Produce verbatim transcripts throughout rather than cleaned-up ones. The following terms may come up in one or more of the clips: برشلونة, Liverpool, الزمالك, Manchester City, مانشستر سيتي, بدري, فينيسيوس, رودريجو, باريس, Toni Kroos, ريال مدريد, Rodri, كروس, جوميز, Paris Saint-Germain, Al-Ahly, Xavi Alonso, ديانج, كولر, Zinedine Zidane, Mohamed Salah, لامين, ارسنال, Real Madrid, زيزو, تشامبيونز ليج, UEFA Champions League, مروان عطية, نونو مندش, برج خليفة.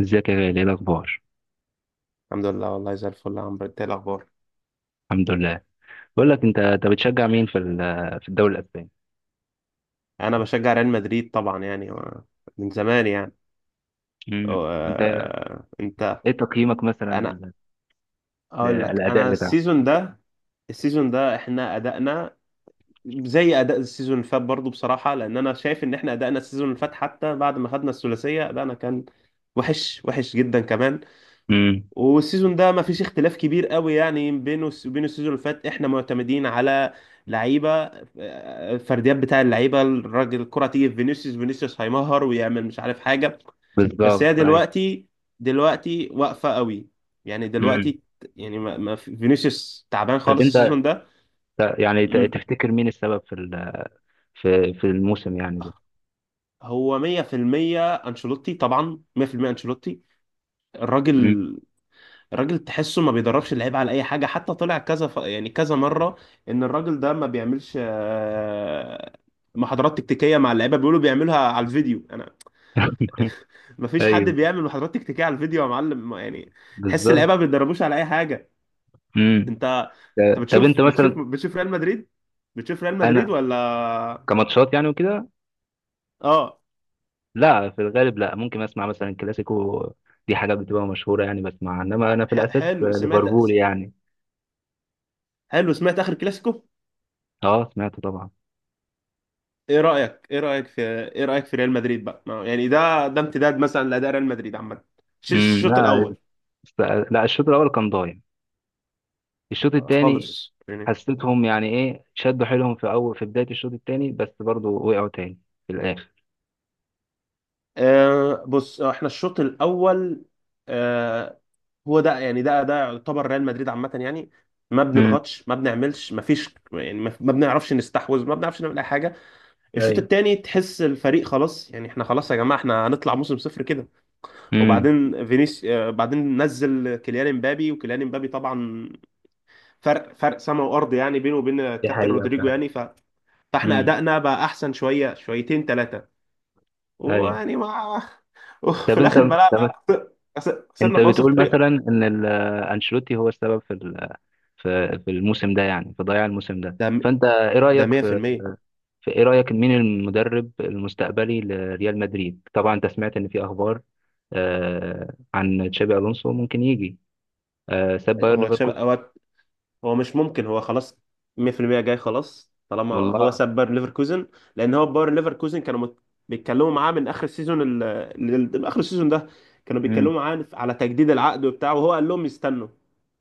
ازيك يا غالي؟ ايه الاخبار؟ الحمد لله، والله زي الفل يا عمرو. انت ايه الاخبار؟ الحمد لله. بقول لك، انت انت بتشجع مين في ال- في الدوري الاسباني؟ انا بشجع ريال مدريد طبعا، يعني و- من زمان يعني. و- امم. وانت؟ آه، انت؟ ايه تقييمك مثلا انا لل- اقول لك، للاداء انا بتاعه؟ السيزون ده، السيزون ده احنا ادائنا زي اداء السيزون اللي فات برضه بصراحه، لان انا شايف ان احنا ادائنا السيزون اللي فات حتى بعد ما خدنا الثلاثيه ادائنا كان وحش وحش جدا كمان. امم. والسيزون ده ما فيش اختلاف كبير قوي يعني بينه وبين السيزون اللي فات. احنا معتمدين على لعيبه، آه، فرديات بتاع اللعيبه، الراجل الكره تيجي في فينيسيوس، فينيسيوس هيمهر ويعمل مش عارف حاجه. بس هي بالظبط، ايوه. دلوقتي، دلوقتي واقفه قوي يعني امم. دلوقتي. يعني ما ما في- فينيسيوس تعبان طب خالص انت، السيزون ده. ت- يعني ت- مم. تفتكر مين السبب في ال- في في الموسم يعني ده؟ هو مية في المية انشيلوتي طبعا، مية في المية انشيلوتي. امم. الراجل، الراجل تحسه ما بيدربش اللعيبه على اي حاجه. حتى طلع كذا ف... يعني كذا مره ان الراجل ده ما بيعملش آه، محاضرات تكتيكيه مع اللعيبه، بيقولوا بيعملها على الفيديو. انا ما فيش حد ايوه، بيعمل محاضرات تكتيكيه على الفيديو يا معلم، ما- يعني تحس اللعيبه بالظبط. ما بيدربوش على اي حاجه. امم. انت، انت ت- طب بتشوف انت بتشوف مثلا. بتشوف ريال مدريد، بتشوف ريال مدريد انا ولا؟ كماتشات يعني وكده. اه. لا، في الغالب لا، ممكن اسمع مثلا كلاسيكو. دي حاجه بتبقى مشهوره يعني بسمعها، انما انا في ح... الاساس حلو سمعت، ليفربول يعني. حلو سمعت اخر كلاسيكو. اه، سمعته طبعا. ايه رأيك ايه رأيك في ايه رأيك في ريال مدريد بقى؟ ما- يعني ده، ده امتداد مثلا لأداء ريال مدريد عامة؟ ش- امم، الشوط لا. الأول است- لا، الشوط الاول كان ضايع. الشوط الثاني خالص يعني. حسيتهم يعني ايه، شدوا حيلهم في اول في بدايه الشوط الثاني، بس برضو وقعوا تاني في الاخر. آه بص، آه، احنا الشوط الأول آه، هو ده يعني، ده ده يعتبر ريال مدريد عامة يعني. ما امم. بنضغطش، ما بنعملش، ما فيش، يعني ما ما بنعرفش نستحوذ، ما بنعرفش نعمل اي حاجه. الشوط ايوه. الثاني تحس الفريق خلاص. يعني احنا خلاص يا جماعه، احنا هنطلع موسم صفر كده. امم. وبعدين فينيس آه، بعدين نزل كيليان امبابي، وكيليان امبابي طبعا فرق فرق سما وارض يعني بينه وبين دي الكابتن حقيقة رودريجو فعلا. يعني ف... فاحنا امم. ادائنا بقى احسن شويه، شويتين، ثلاثه. ايوه. ويعني ما طب وفي انت، الاخر طب بلعنا، انت خسرنا باوسخ بتقول طريقه. مثلا ان ال- انشيلوتي هو السبب في ال- في في الموسم ده يعني، في ضياع الموسم ده، ده فانت ايه ده رايك في, مية في المية. في ايه رايك مين المدرب المستقبلي لريال مدريد؟ طبعا انت سمعت ان في اخبار آه عن تشابي الونسو ممكن يجي، آه ساب بايرن هو تشابي، ليفركوزن. هو هو مش ممكن، هو خلاص مية في المية جاي خلاص طالما هو والله. ساب باير ليفركوزن. لان هو باير ليفركوزن كانوا مت... بيتكلموا معاه من اخر السيزون ال... ال... ال- اخر السيزون ده. كانوا بيتكلموا امم. معاه على تجديد العقد وبتاع، وهو قال لهم استنوا.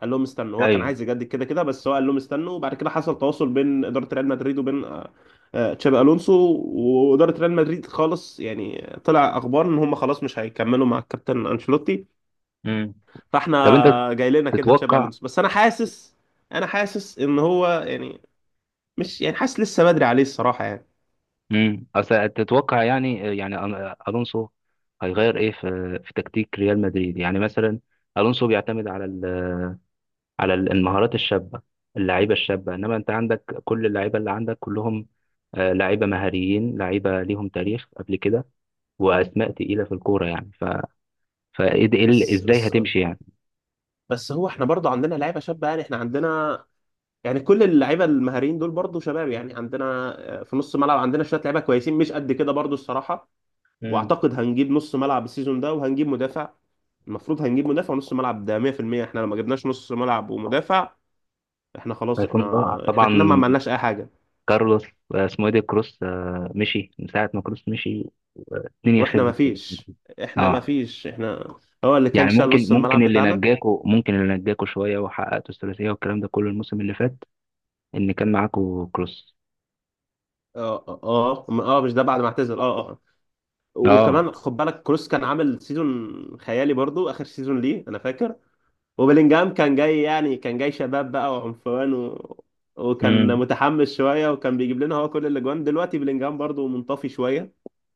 قال لهم استنوا، هو كان ايوه. عايز يجدد كده كده، بس هو قال لهم استنوا. وبعد كده حصل تواصل بين اداره ريال مدريد وبين، آه، آه، تشابي الونسو. واداره ريال مدريد خالص، يعني طلع اخبار ان هم خلاص مش هيكملوا مع الكابتن انشيلوتي. امم. فاحنا طب انت جاي لنا كده تشابي تتوقع؟ الونسو. بس انا حاسس، انا حاسس ان هو يعني، مش يعني حاسس، لسه بدري عليه الصراحه يعني. امم، اصل تتوقع يعني يعني أن- الونسو هيغير ايه في في تكتيك ريال مدريد يعني مثلا. الونسو بيعتمد على ال- على ال- المهارات الشابه، اللعيبه الشابه، انما انت عندك كل اللعيبه، اللي عندك كلهم آه، لعيبه مهاريين، لعيبه ليهم تاريخ قبل كده، واسماء تقيله في الكوره يعني، ف فإيه ده- إيه ال- بس ازاي بس هتمشي يعني؟ بس هو احنا برضه عندنا لعيبه شابه. يعني احنا عندنا، يعني كل اللعيبه المهاريين دول برضه شباب يعني. عندنا آه، في نص الملعب عندنا شويه لعيبه كويسين، مش قد كده برضه الصراحه. امم. واعتقد هنجيب نص ملعب السيزون ده وهنجيب مدافع. المفروض هنجيب مدافع ونص ملعب، ده مية في المية. احنا لما جبناش نص ملعب ومدافع، احنا خلاص. هيكون ضاع احنا، احنا طبعا. كنا ما عملناش اي حاجه. كارلوس، آه، اسمه ايه ده، كروس. آه، مشي من ساعة ما كروس مشي الدنيا واحنا ما خربت في الريال. فيش، احنا ما اه، فيش، احنا هو اللي كان يعني شال ممكن نص ممكن الملعب اللي بتاعنا. نجاكوا ممكن اللي نجاكوا شوية وحققتوا الثلاثية والكلام ده كله الموسم اللي فات، ان كان معاكوا كروس. اه اه اه، م- آه، مش ده بعد ما اعتزل، اه اه. اه. وكمان خد بالك كروس كان عامل سيزون خيالي برضو، اخر سيزون ليه انا فاكر. وبلينجهام كان جاي يعني، كان جاي شباب بقى وعنفوان و... وكان امم. متحمس شويه وكان بيجيب لنا هو كل الاجوان. دلوقتي بلينجهام برضو منطفي شويه.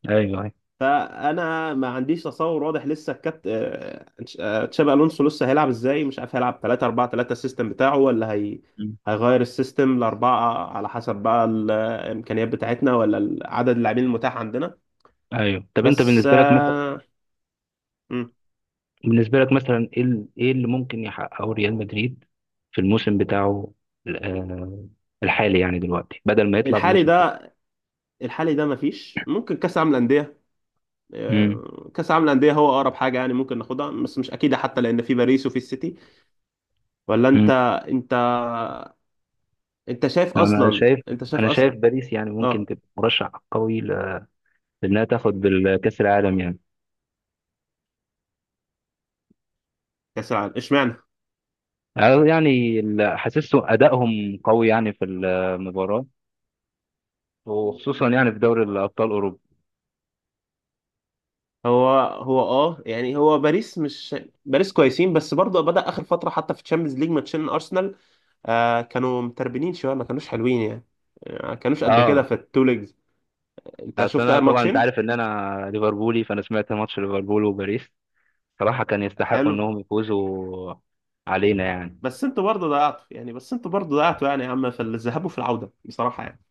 ايوه، ايوه. فانا ما عنديش تصور واضح لسه. الكابت آه، آه، تشابي الونسو لسه هيلعب ازاي مش عارف. هيلعب تلاتة اربعة تلاتة السيستم بتاعه، ولا هي مم. هيغير السيستم لأربعة على حسب بقى الإمكانيات بتاعتنا ولا عدد اللاعبين المتاح عندنا. ايوه. طب انت بس بالنسبة لك مثلا، آه، مم. بالنسبة لك مثلا ايه ال- ايه اللي ممكن يحققه ريال مدريد في الموسم بتاعه ال- آه، الحالي يعني دلوقتي، بدل ما يطلع الحالي بموسم ده، الحالي ده مفيش. ممكن كأس العالم للأندية، تاني؟ آه، كأس العالم للأندية هو أقرب حاجة يعني ممكن ناخدها، بس مش أكيدة حتى، لأن في باريس وفي السيتي. ولا أنت، أنت أنت شايف انا أصلا، شايف أنت شايف انا أصلا؟ شايف باريس يعني ممكن أه، تبقى مرشح قوي ل- لانها تاخد الكاس العالم يعني. كأس العالم اشمعنى؟ أنا يعني ال- حاسسه ادائهم قوي يعني في المباراه، وخصوصا يعني في دوري الابطال اوروبا. هو هو اه يعني، هو باريس مش، باريس كويسين بس برضه بدأ اخر فتره. حتى في تشامبيونز ليج ماتشين ارسنال آه كانوا متربنين شويه، ما كانوش حلوين يعني، آه، ما كانوش قد كده اه، في التو ليجز. انت اصل شفت انا اخر طبعا انت ماتشين؟ عارف ان انا ليفربولي، فانا سمعت ماتش ليفربول وباريس، صراحه كان يستحقوا حلو. انهم يفوزوا علينا يعني. بس انتوا برضه ضيعتوا يعني بس انتوا برضه ضيعتوا يعني يا عم في الذهاب وفي العوده، بصراحه يعني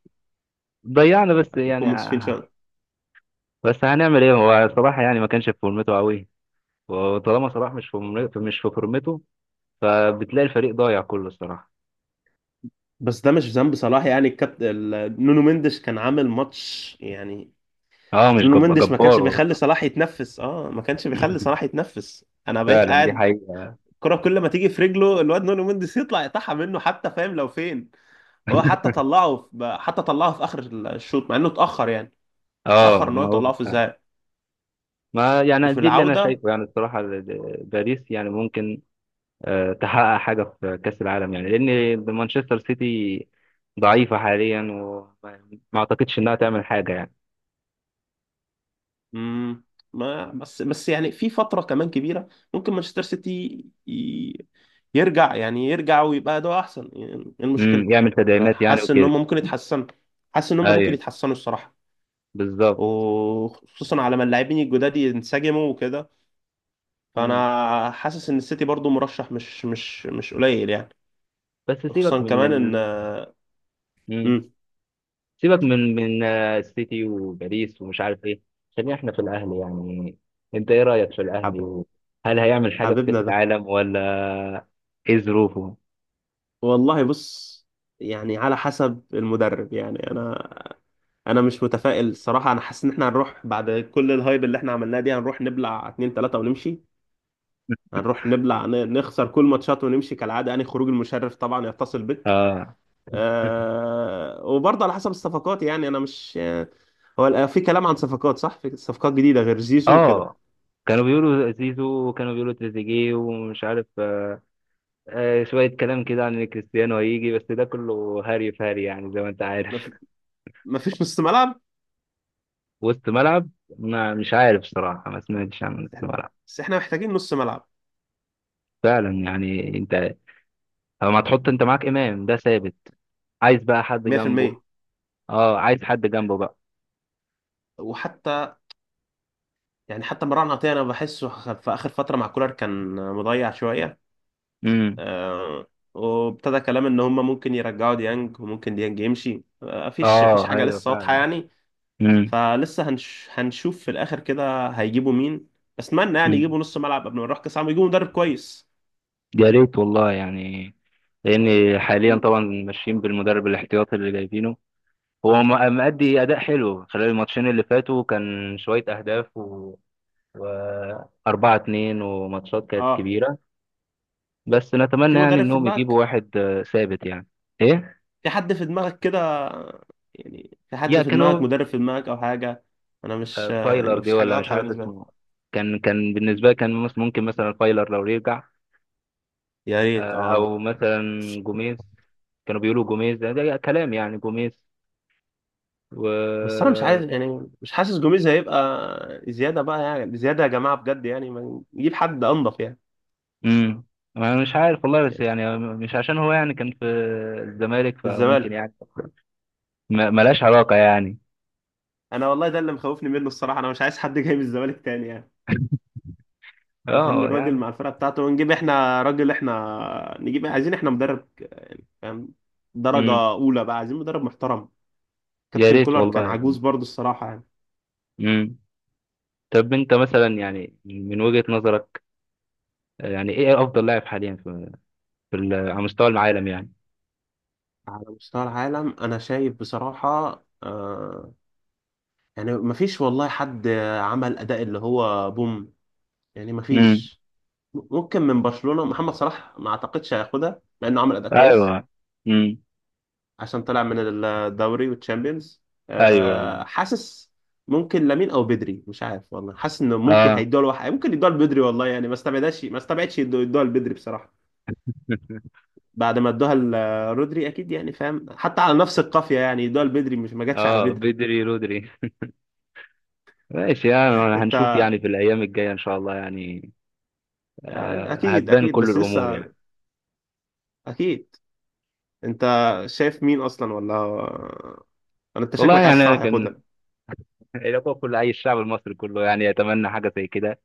ضيعنا بس نكون يعني، منصفين آه، شويه. بس هنعمل ايه، هو صراحه يعني ما كانش في فورمته قوي. وطالما صلاح مش في مش في فورمته، فبتلاقي الفريق ضايع كله الصراحة. بس ده مش ذنب صلاح يعني. الكابتن نونو مندش كان عامل ماتش يعني. اه، مش نونو جب... مندش ما كانش جبار بيخلي والله. صلاح يتنفس، اه ما كانش بيخلي صلاح يتنفس. انا بقيت فعلا دي قاعد حقيقة. الكرة كل ما تيجي في رجله الواد نونو مندس يطلع يقطعها منه حتى فاهم لو فين. هو حتى طلعه في، حتى طلعه في اخر الشوط مع انه اتأخر يعني. اه، اتأخر ان هو ما هو يطلعه في فعلا. الذهاب ما يعني وفي دي اللي انا العودة. شايفه يعني الصراحة، ال- ال- باريس يعني ممكن آه، تحقق حاجة في كأس العالم، يعني لأن مانشستر سيتي ضعيفة حاليا، وما ما اعتقدش انها تعمل حاجة يعني. مم، ما بس بس يعني في فترة كمان كبيرة ممكن مانشستر سيتي ي- يرجع، يعني يرجع ويبقى ده احسن. يعني ايه المشكلة؟ امم. يعمل انا تدعيمات يعني حاسس ان هم وكده. ممكن يتحسنوا، حاسس ان هم ممكن ايوه، يتحسنوا الصراحة. بالظبط. وخصوصا على ما اللاعبين الجداد ينسجموا وكده. مم. فانا حاسس ان السيتي برضو مرشح مش مش مش قليل يعني. بس سيبك خصوصا من كمان ان، ال... مم. امم سيبك من من آه، السيتي وباريس ومش عارف ايه، خلينا احنا في الاهلي يعني. انت ايه رايك في الاهلي، حب... وهل هيعمل حاجه في كاس حبيبنا ده، العالم، ولا ايه ظروفه؟ والله بص، يعني على حسب المدرب. يعني انا، انا مش متفائل الصراحه. انا حاسس ان احنا هنروح بعد كل الهايب اللي احنا عملناه دي هنروح نبلع اتنين تلاتة ونمشي. هنروح نبلع ن- نخسر كل ماتشات ونمشي كالعاده يعني، خروج المشرف طبعا، يتصل بك. اه. أه... وبرضه على حسب الصفقات. يعني انا مش، هو ال- في كلام عن صفقات. صح، في صفقات جديده غير زيزو وكده؟ اه، كانوا بيقولوا زيزو، وكانوا بيقولوا تريزيجيه ومش عارف، آه شويه كلام كده عن ان كريستيانو هيجي، بس ده كله هري في هري يعني، زي ما انت عارف. مفيش نص ملعب. وسط ملعب. ما مش عارف صراحه، ما سمعتش عن وسط ملعب. بس احنا محتاجين نص ملعب فعلا يعني، انت لما تحط، انت معاك امام ده ثابت، عايز بقى حد جنبه. مية في المية. اه، عايز حد جنبه بقى. وحتى يعني حتى مروان عطية انا بحسه خ- في اخر فترة مع كولر كان مضيع شوية. امم. آه، وابتدى كلام ان هم ممكن يرجعوا ديانج، وممكن ديانج يمشي. آه، مفيش مفيش اه، حاجة ايوه لسه واضحة فعلا. يعني. امم. فلسه هنش هنشوف في الاخر كده هيجيبوا مين. اتمنى يعني أمم. يجيبوا نص ملعب قبل ما نروح كاس عالم، يجيبوا مدرب كويس. يا ريت والله يعني، لان حاليا م- طبعا ماشيين بالمدرب الاحتياطي اللي جايبينه. هو م- مأدي اداء حلو خلال الماتشين اللي فاتوا، كان شويه اهداف و... و اربعة اتنين، وماتشات كانت اه، كبيره. بس في نتمنى يعني مدرب في انهم يجيبوا دماغك؟ واحد آه، ثابت يعني. ايه؟ في حد في دماغك كده؟ يعني في حد يا في دماغك، كانوا مدرب في دماغك او حاجه؟ انا آه، مش، يعني فايلر دي، مش حاجه ولا مش واضحه عارف بالنسبه لي. اسمه. كان كان بالنسبه لي، كان مس- ممكن مثلا فايلر لو يرجع، يا ريت آه، اه. او مثلا جوميز. كانوا بيقولوا جوميز ده, ده كلام يعني، جوميز و بس انا مش عايز يعني، مش حاسس جوميز هيبقى. زياده بقى يعني، زياده يا جماعه بجد يعني، ما نجيب حد انضف يعني. امم. انا مش عارف والله، بس يعني يعني مش عشان هو يعني كان في الزمالك من فممكن الزمالك، يعني، ما- ملهاش علاقة يعني. انا والله ده اللي مخوفني منه الصراحه. انا مش عايز حد جاي من الزمالك تاني يعني. نخلي اه الراجل يعني. مع الفرقه بتاعته، ونجيب احنا راجل. احنا نجيب، عايزين احنا مدرب يعني فاهم، درجه امم. اولى بقى، عايزين مدرب محترم. يا كابتن ريت كولر كان والله. عجوز برضه الصراحه يعني. امم. طب انت مثلا يعني من وجهة نظرك، يعني ايه افضل لاعب حاليا في, في ال- على مستوى العالم يعني؟ على مستوى العالم انا شايف بصراحة آه، يعني مفيش والله حد عمل اداء اللي هو بوم يعني. امم. مفيش. ممكن من برشلونة، محمد صلاح ما اعتقدش هياخدها مع انه عمل اداء كويس، ايوه. امم. عشان طلع من الدوري والتشامبيونز. ايوه. آه حاسس ممكن لامين او بدري مش عارف والله. حاسس انه ممكن اه. هيدوها لواحد، ممكن يدوها لبدري والله يعني. ما استبعدش، ما استبعدش يدو- يدوها لبدري بصراحة. بعد ما ادوها لرودري اكيد يعني فاهم، حتى على نفس القافية يعني، يدوها لبدري مش ما جاتش على اه، بدري. بدري رودري. ماشي يعني، انت هنشوف يعني في الأيام الجاية إن شاء الله يعني، يعني، آه، اكيد هتبان اكيد كل بس الأمور لسه، يعني. اكيد. انت شايف مين اصلا ولا؟ انا، انت والله شكلك عايز يعني، صلاح كان ياخدها؟ يبقى كل أي الشعب المصري كله يعني يتمنى حاجة زي كده،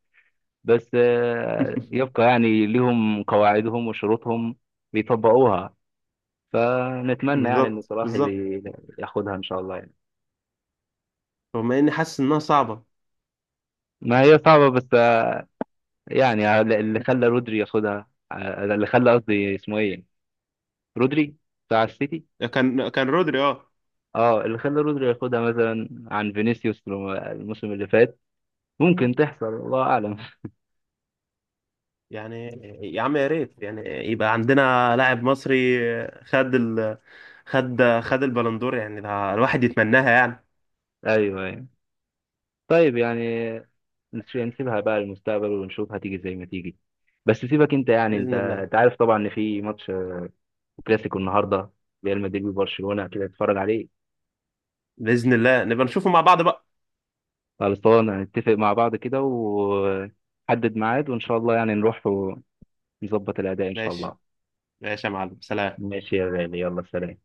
بس آه، يبقى يعني ليهم قواعدهم وشروطهم بيطبقوها، فنتمنى يعني إن بالظبط، صلاح بالظبط. ي- ياخدها إن شاء الله يعني. رغم اني حاسس انها صعبه. ما هي صعبة، بس آه، يعني اللي خلى رودري ياخدها، آه، اللي خلى قصدي اسمه إيه، رودري بتاع السيتي. كان كان رودري اه اه، اللي خلى رودري ياخدها مثلا عن فينيسيوس الموسم اللي فات، ممكن تحصل الله أعلم. يعني. يا عم يا ريت يعني يبقى عندنا لاعب مصري خد ال، خد خد البالندور. يعني ده الواحد يتمناها يعني. أيوه أيوه. طيب يعني، نس- نسيبها بقى للمستقبل ونشوف هتيجي زي ما تيجي. بس سيبك أنت يعني، أنت باذن الله، أنت عارف طبعا إن في ماتش آه، كلاسيكو النهاردة، ريال مدريد وبرشلونة، كده اتفرج عليه. باذن الله نبقى نشوفه مع بعض بقى. خلصان، هنتفق مع بعض كده وحدد ميعاد، وإن شاء الله يعني نروح ونظبط الأداء إن شاء الله. ماشي، ماشي يا معلم، سلام. ماشي يا غالي، يلا سلام.